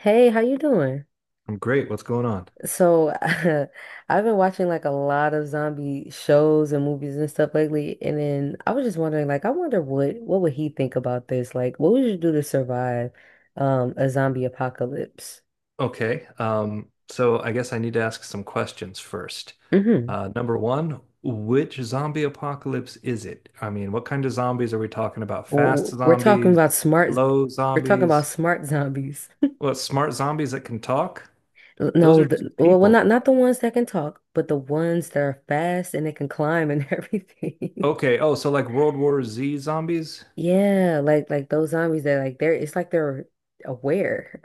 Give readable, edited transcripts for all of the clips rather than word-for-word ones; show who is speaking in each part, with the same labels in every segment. Speaker 1: Hey, how you doing?
Speaker 2: I'm great. What's going on?
Speaker 1: I've been watching like a lot of zombie shows and movies and stuff lately, and then I was just wondering, like, I wonder what would he think about this? Like, what would you do to survive a zombie apocalypse?
Speaker 2: Okay. So I guess I need to ask some questions first.
Speaker 1: Hmm.
Speaker 2: Number one, which zombie apocalypse is it? I mean, what kind of zombies are we talking about? Fast
Speaker 1: We're talking
Speaker 2: zombies,
Speaker 1: about
Speaker 2: slow zombies,
Speaker 1: smart zombies.
Speaker 2: what smart zombies that can talk? Those
Speaker 1: No,
Speaker 2: are just
Speaker 1: well,
Speaker 2: people.
Speaker 1: not the ones that can talk, but the ones that are fast and they can climb and everything.
Speaker 2: Okay. Oh, so like World War Z zombies?
Speaker 1: Yeah, like those zombies that like they're it's like they're aware.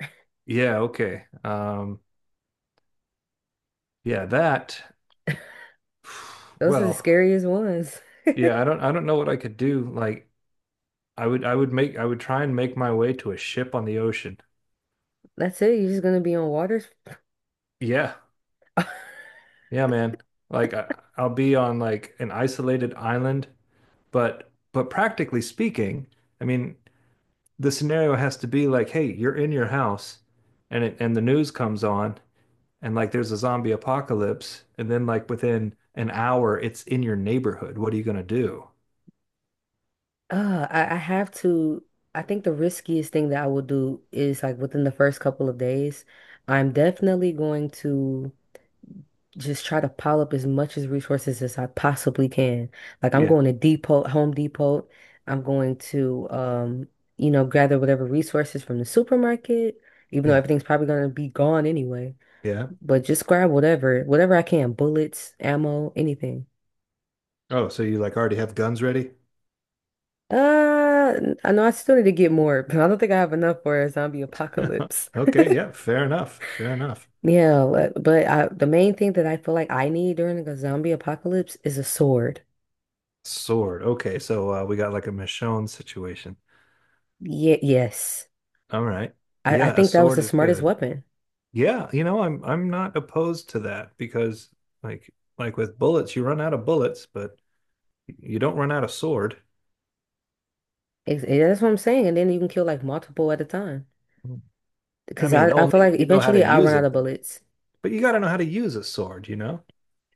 Speaker 2: Yeah, okay. Yeah, that
Speaker 1: Those are the
Speaker 2: well,
Speaker 1: scariest ones.
Speaker 2: yeah, I don't know what I could do. Like I would try and make my way to a ship on the ocean.
Speaker 1: That's it. You're just gonna be on water.
Speaker 2: Yeah. Yeah, man. Like I'll be on like an isolated island, but practically speaking, I mean, the scenario has to be like, hey, you're in your house and the news comes on and like there's a zombie apocalypse and then like within an hour it's in your neighborhood. What are you gonna do?
Speaker 1: I have to. I think the riskiest thing that I will do is like within the first couple of days, I'm definitely going to just try to pile up as much as resources as I possibly can. Like I'm
Speaker 2: Yeah.
Speaker 1: going to Depot, Home Depot. I'm going to you know, gather whatever resources from the supermarket, even though
Speaker 2: Yeah.
Speaker 1: everything's probably gonna be gone anyway.
Speaker 2: Yeah.
Speaker 1: But just grab whatever I can, bullets, ammo, anything.
Speaker 2: Oh, so you like already have guns ready?
Speaker 1: Uh, I know I still need to get more, but I don't think I have enough for a zombie apocalypse.
Speaker 2: Okay, yeah, fair enough. Fair enough.
Speaker 1: Yeah, but the main thing that I feel like I need during like, a zombie apocalypse is a sword.
Speaker 2: Sword. Okay, so we got like a Michonne situation.
Speaker 1: Yeah, yes.
Speaker 2: All right.
Speaker 1: I
Speaker 2: Yeah, a
Speaker 1: think that was
Speaker 2: sword
Speaker 1: the
Speaker 2: is
Speaker 1: smartest
Speaker 2: good.
Speaker 1: weapon.
Speaker 2: Yeah, I'm not opposed to that because like like with bullets, you run out of bullets, but you don't run out of sword.
Speaker 1: Yeah, that's what I'm saying. And then you can kill like multiple at a time.
Speaker 2: I
Speaker 1: Because
Speaker 2: mean,
Speaker 1: I feel
Speaker 2: only if
Speaker 1: like
Speaker 2: you know how to
Speaker 1: eventually I'll run
Speaker 2: use
Speaker 1: out
Speaker 2: it
Speaker 1: of
Speaker 2: though.
Speaker 1: bullets.
Speaker 2: But you got to know how to use a sword, you know?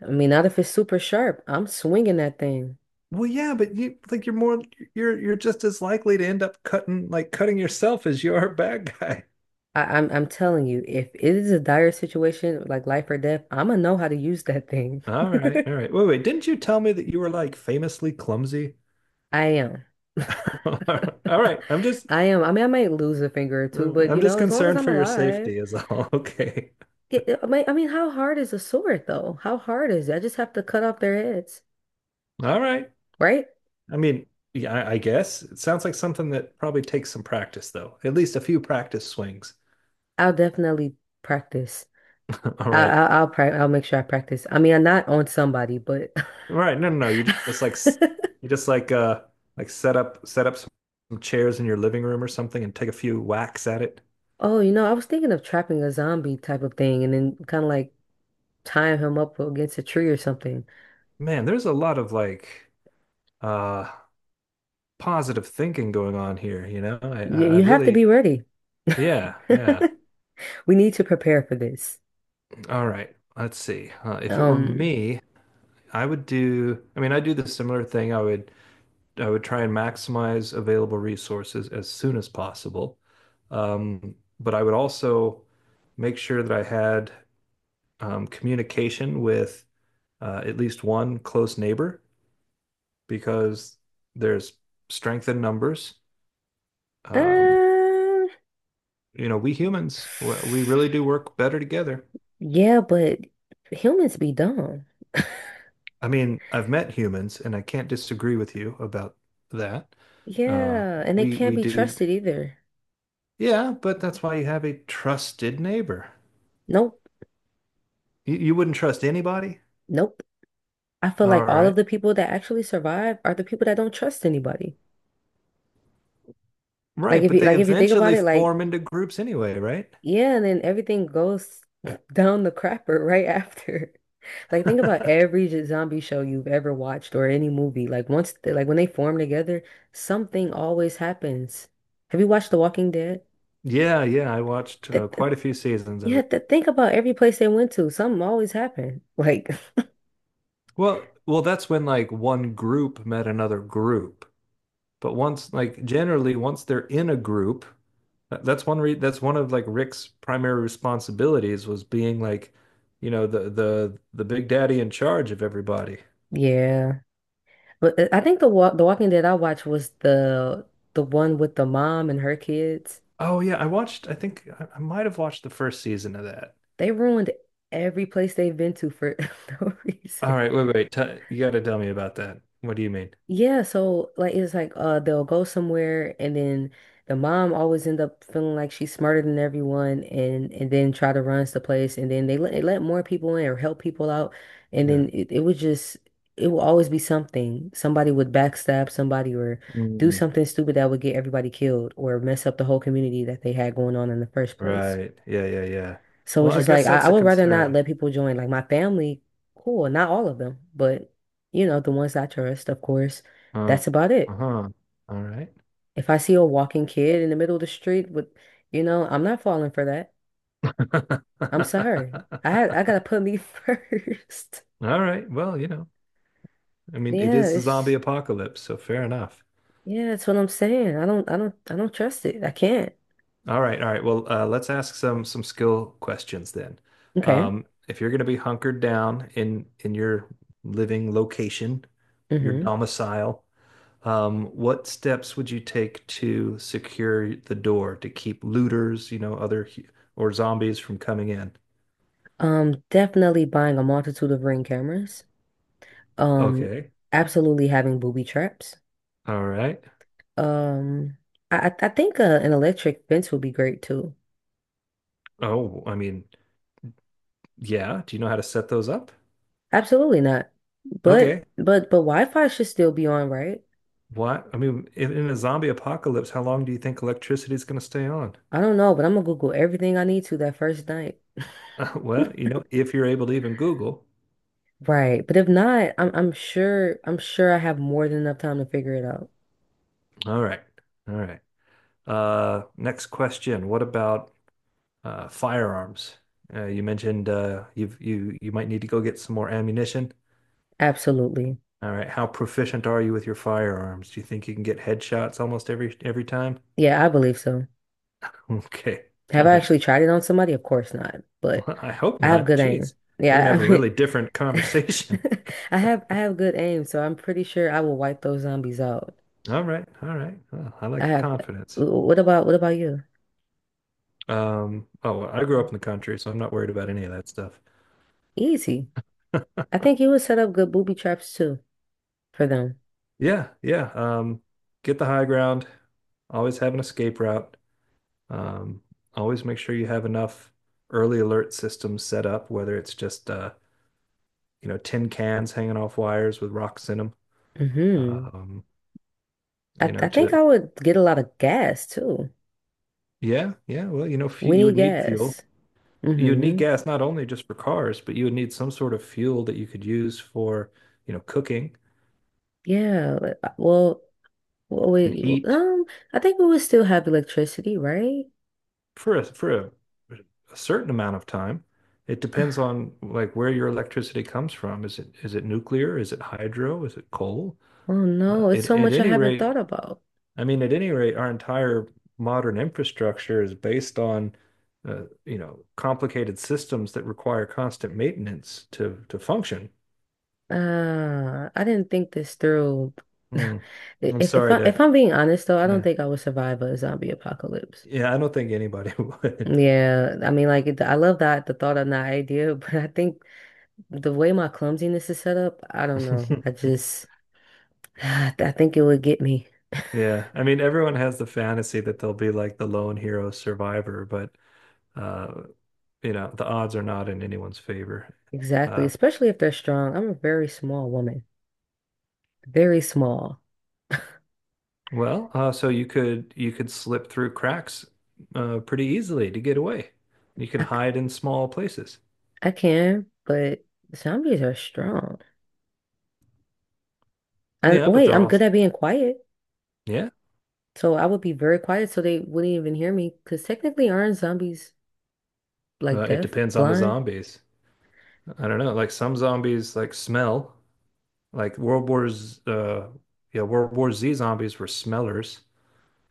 Speaker 1: I mean, not if it's super sharp. I'm swinging that thing.
Speaker 2: Well, yeah, but you like you're more you're just as likely to end up cutting yourself as you are a bad guy.
Speaker 1: I'm telling you, if it is a dire situation, like life or death, I'm gonna know how to use that thing.
Speaker 2: All right. All right. Wait, wait. Didn't you tell me that you were like famously clumsy?
Speaker 1: I am.
Speaker 2: All right. I'm just
Speaker 1: I am. I mean, I might lose a finger or two, but
Speaker 2: I'm
Speaker 1: you
Speaker 2: just
Speaker 1: know, as long as
Speaker 2: concerned
Speaker 1: I'm
Speaker 2: for your
Speaker 1: alive.
Speaker 2: safety is all. Okay.
Speaker 1: Yeah, I mean, how hard is a sword though? How hard is it? I just have to cut off their heads,
Speaker 2: All right.
Speaker 1: right?
Speaker 2: I mean, yeah, I guess it sounds like something that probably takes some practice though. At least a few practice swings.
Speaker 1: I'll definitely practice.
Speaker 2: All right.
Speaker 1: I'll I'll make sure I practice. I mean, I'm not on somebody, but
Speaker 2: All right. No, no, no. You just like s- you just like set up some chairs in your living room or something and take a few whacks at it.
Speaker 1: oh, you know, I was thinking of trapping a zombie type of thing, and then kind of like tying him up against a tree or something.
Speaker 2: Man, there's a lot of like uh positive thinking going on here, you know? I
Speaker 1: You have to be
Speaker 2: really
Speaker 1: ready.
Speaker 2: Yeah, yeah.
Speaker 1: We need to prepare for this.
Speaker 2: All right, let's see. If it were
Speaker 1: Um.
Speaker 2: me, I mean, I do the similar thing. I would try and maximize available resources as soon as possible. But I would also make sure that I had communication with at least one close neighbor because there's strength in numbers. Um,
Speaker 1: Uh,
Speaker 2: we humans, we really do work better together.
Speaker 1: Yeah, but humans be dumb.
Speaker 2: I mean, I've met humans, and I can't disagree with you about that. Uh,
Speaker 1: Yeah, and they
Speaker 2: we
Speaker 1: can't
Speaker 2: we
Speaker 1: be
Speaker 2: do,
Speaker 1: trusted either.
Speaker 2: yeah, but that's why you have a trusted neighbor.
Speaker 1: Nope,
Speaker 2: You wouldn't trust anybody.
Speaker 1: nope. I feel like
Speaker 2: All
Speaker 1: all
Speaker 2: right,
Speaker 1: of the people that actually survive are the people that don't trust anybody.
Speaker 2: right, but they
Speaker 1: If you think about
Speaker 2: eventually
Speaker 1: it, like
Speaker 2: form into groups anyway, right?
Speaker 1: yeah, and then everything goes down the crapper right after. Like think about every zombie show you've ever watched or any movie. Like like when they form together, something always happens. Have you watched The Walking Dead?
Speaker 2: Yeah, yeah, I watched
Speaker 1: That
Speaker 2: quite a few seasons
Speaker 1: You
Speaker 2: of it.
Speaker 1: have to think about every place they went to. Something always happened. Like,
Speaker 2: Well, that's when like one group met another group. But once, like generally, once they're in a group, that's one of like Rick's primary responsibilities was being like, the big daddy in charge of everybody.
Speaker 1: yeah. But I think the Walking Dead I watched was the one with the mom and her kids.
Speaker 2: Oh yeah, I think I might have watched the first season of that.
Speaker 1: They ruined every place they've been to for no
Speaker 2: All
Speaker 1: reason.
Speaker 2: right, wait, wait. T You got to tell me about that. What do you mean?
Speaker 1: Yeah, so like it's like they'll go somewhere and then the mom always end up feeling like she's smarter than everyone and then try to runs the place and then they let more people in or help people out and
Speaker 2: Yeah.
Speaker 1: then it would just it will always be something. Somebody would backstab somebody or do
Speaker 2: Mm,
Speaker 1: something stupid that would get everybody killed or mess up the whole community that they had going on in the first place.
Speaker 2: right. Yeah, yeah, yeah.
Speaker 1: So
Speaker 2: Well,
Speaker 1: it's
Speaker 2: I
Speaker 1: just like
Speaker 2: guess that's
Speaker 1: I
Speaker 2: a
Speaker 1: would rather not
Speaker 2: concern.
Speaker 1: let people join. Like my family, cool, not all of them, but you know, the ones I trust, of course,
Speaker 2: Uh,
Speaker 1: that's about it.
Speaker 2: uh-huh. All right.
Speaker 1: If I see a walking kid in the middle of the street with, you know, I'm not falling for that. I'm sorry. I gotta put me first.
Speaker 2: All right. Well, I mean, it
Speaker 1: Yeah,
Speaker 2: is the zombie
Speaker 1: it's
Speaker 2: apocalypse, so fair enough.
Speaker 1: yeah, that's what I'm saying. I don't trust it. I can't.
Speaker 2: All right, all right. Well, let's ask some skill questions then.
Speaker 1: Okay.
Speaker 2: If you're going to be hunkered down in your living location, your
Speaker 1: Hmm.
Speaker 2: domicile, what steps would you take to secure the door to keep looters, other or zombies from coming in?
Speaker 1: Definitely buying a multitude of ring cameras. Um,
Speaker 2: Okay.
Speaker 1: absolutely having booby traps.
Speaker 2: All right.
Speaker 1: Um, I think an electric fence would be great too.
Speaker 2: Oh, I mean, yeah. Do you know how to set those up?
Speaker 1: Absolutely not. But
Speaker 2: Okay.
Speaker 1: but but Wi-Fi should still be on, right?
Speaker 2: What? I mean, in a zombie apocalypse, how long do you think electricity is going to stay on?
Speaker 1: I don't know, but I'm gonna Google everything I need to that first night.
Speaker 2: Well, if you're able to even Google.
Speaker 1: Right. But if not, I'm sure I have more than enough time to figure it out.
Speaker 2: All right. All right. Next question. What about firearms? You mentioned you might need to go get some more ammunition.
Speaker 1: Absolutely.
Speaker 2: All right. How proficient are you with your firearms? Do you think you can get headshots almost every time?
Speaker 1: Yeah, I believe so.
Speaker 2: Okay.
Speaker 1: Have
Speaker 2: All
Speaker 1: I
Speaker 2: right.
Speaker 1: actually tried it on somebody? Of course not. But
Speaker 2: Well, I hope
Speaker 1: I have
Speaker 2: not.
Speaker 1: good aim.
Speaker 2: Jeez. We're gonna have
Speaker 1: Yeah,
Speaker 2: a
Speaker 1: I
Speaker 2: really
Speaker 1: mean
Speaker 2: different conversation.
Speaker 1: I have good aim, so I'm pretty sure I will wipe those zombies out.
Speaker 2: All right. All right. Well, I like
Speaker 1: I
Speaker 2: the
Speaker 1: have.
Speaker 2: confidence.
Speaker 1: What about you?
Speaker 2: Oh, well, I grew up in the country, so I'm not worried about any of that stuff.
Speaker 1: Easy. I think you would set up good booby traps too for them.
Speaker 2: Yeah, yeah. Get the high ground. Always have an escape route. Um, Always make sure you have enough early alert systems set up, whether it's just tin cans hanging off wires with rocks in them.
Speaker 1: Hmm.
Speaker 2: Um, you
Speaker 1: I
Speaker 2: know,
Speaker 1: I think
Speaker 2: to
Speaker 1: I would get a lot of gas too.
Speaker 2: Yeah, yeah. Well,
Speaker 1: We
Speaker 2: you
Speaker 1: need
Speaker 2: would need fuel.
Speaker 1: gas.
Speaker 2: You would need
Speaker 1: Hmm.
Speaker 2: gas not only just for cars, but you would need some sort of fuel that you could use for, cooking
Speaker 1: Yeah. Well,
Speaker 2: and
Speaker 1: wait. w-
Speaker 2: heat
Speaker 1: Um, I think we would still have electricity, right?
Speaker 2: for a certain amount of time. It
Speaker 1: Uh,
Speaker 2: depends on like where your electricity comes from. Is it nuclear? Is it hydro? Is it coal?
Speaker 1: Oh no, it's so
Speaker 2: At
Speaker 1: much I
Speaker 2: any
Speaker 1: haven't
Speaker 2: rate,
Speaker 1: thought about.
Speaker 2: our entire modern infrastructure is based on complicated systems that require constant maintenance to function.
Speaker 1: I didn't think this through.
Speaker 2: Hmm. I'm
Speaker 1: If if
Speaker 2: sorry
Speaker 1: I if
Speaker 2: to
Speaker 1: I'm being honest though, I don't
Speaker 2: Yeah,
Speaker 1: think I would survive a zombie apocalypse.
Speaker 2: yeah, I don't think anybody would.
Speaker 1: Yeah, I mean, like, I love that the thought and the idea, but I think the way my clumsiness is set up, I don't know. I just, I think it would get me.
Speaker 2: Yeah, I mean, everyone has the fantasy that they'll be like the lone hero survivor, but uh, the odds are not in anyone's favor.
Speaker 1: Exactly.
Speaker 2: Uh,
Speaker 1: Especially if they're strong. I'm a very small woman, very small.
Speaker 2: well, so you could slip through cracks pretty easily to get away. You can
Speaker 1: I, c-
Speaker 2: hide in small places.
Speaker 1: I can, but zombies are strong. And
Speaker 2: Yeah, but
Speaker 1: wait,
Speaker 2: they're
Speaker 1: I'm good
Speaker 2: all
Speaker 1: at being quiet.
Speaker 2: yeah.
Speaker 1: So I would be very quiet so they wouldn't even hear me because technically aren't zombies like
Speaker 2: It
Speaker 1: deaf,
Speaker 2: depends on the
Speaker 1: blind?
Speaker 2: zombies. I don't know. Like some zombies like smell. Like World War's yeah, World War Z zombies were smellers.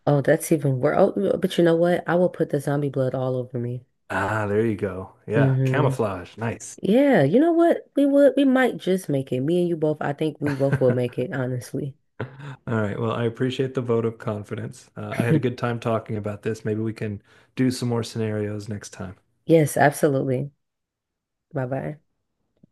Speaker 1: Oh, that's even worse. Oh, but you know what? I will put the zombie blood all over me.
Speaker 2: Ah, there you go. Yeah,
Speaker 1: Mm-hmm.
Speaker 2: camouflage. Nice.
Speaker 1: Yeah, you know what? We might just make it. Me and you both, I think we both will make it, honestly.
Speaker 2: All right. Well, I appreciate the vote of confidence. I had a good time talking about this. Maybe we can do some more scenarios next time.
Speaker 1: Yes, absolutely. Bye bye.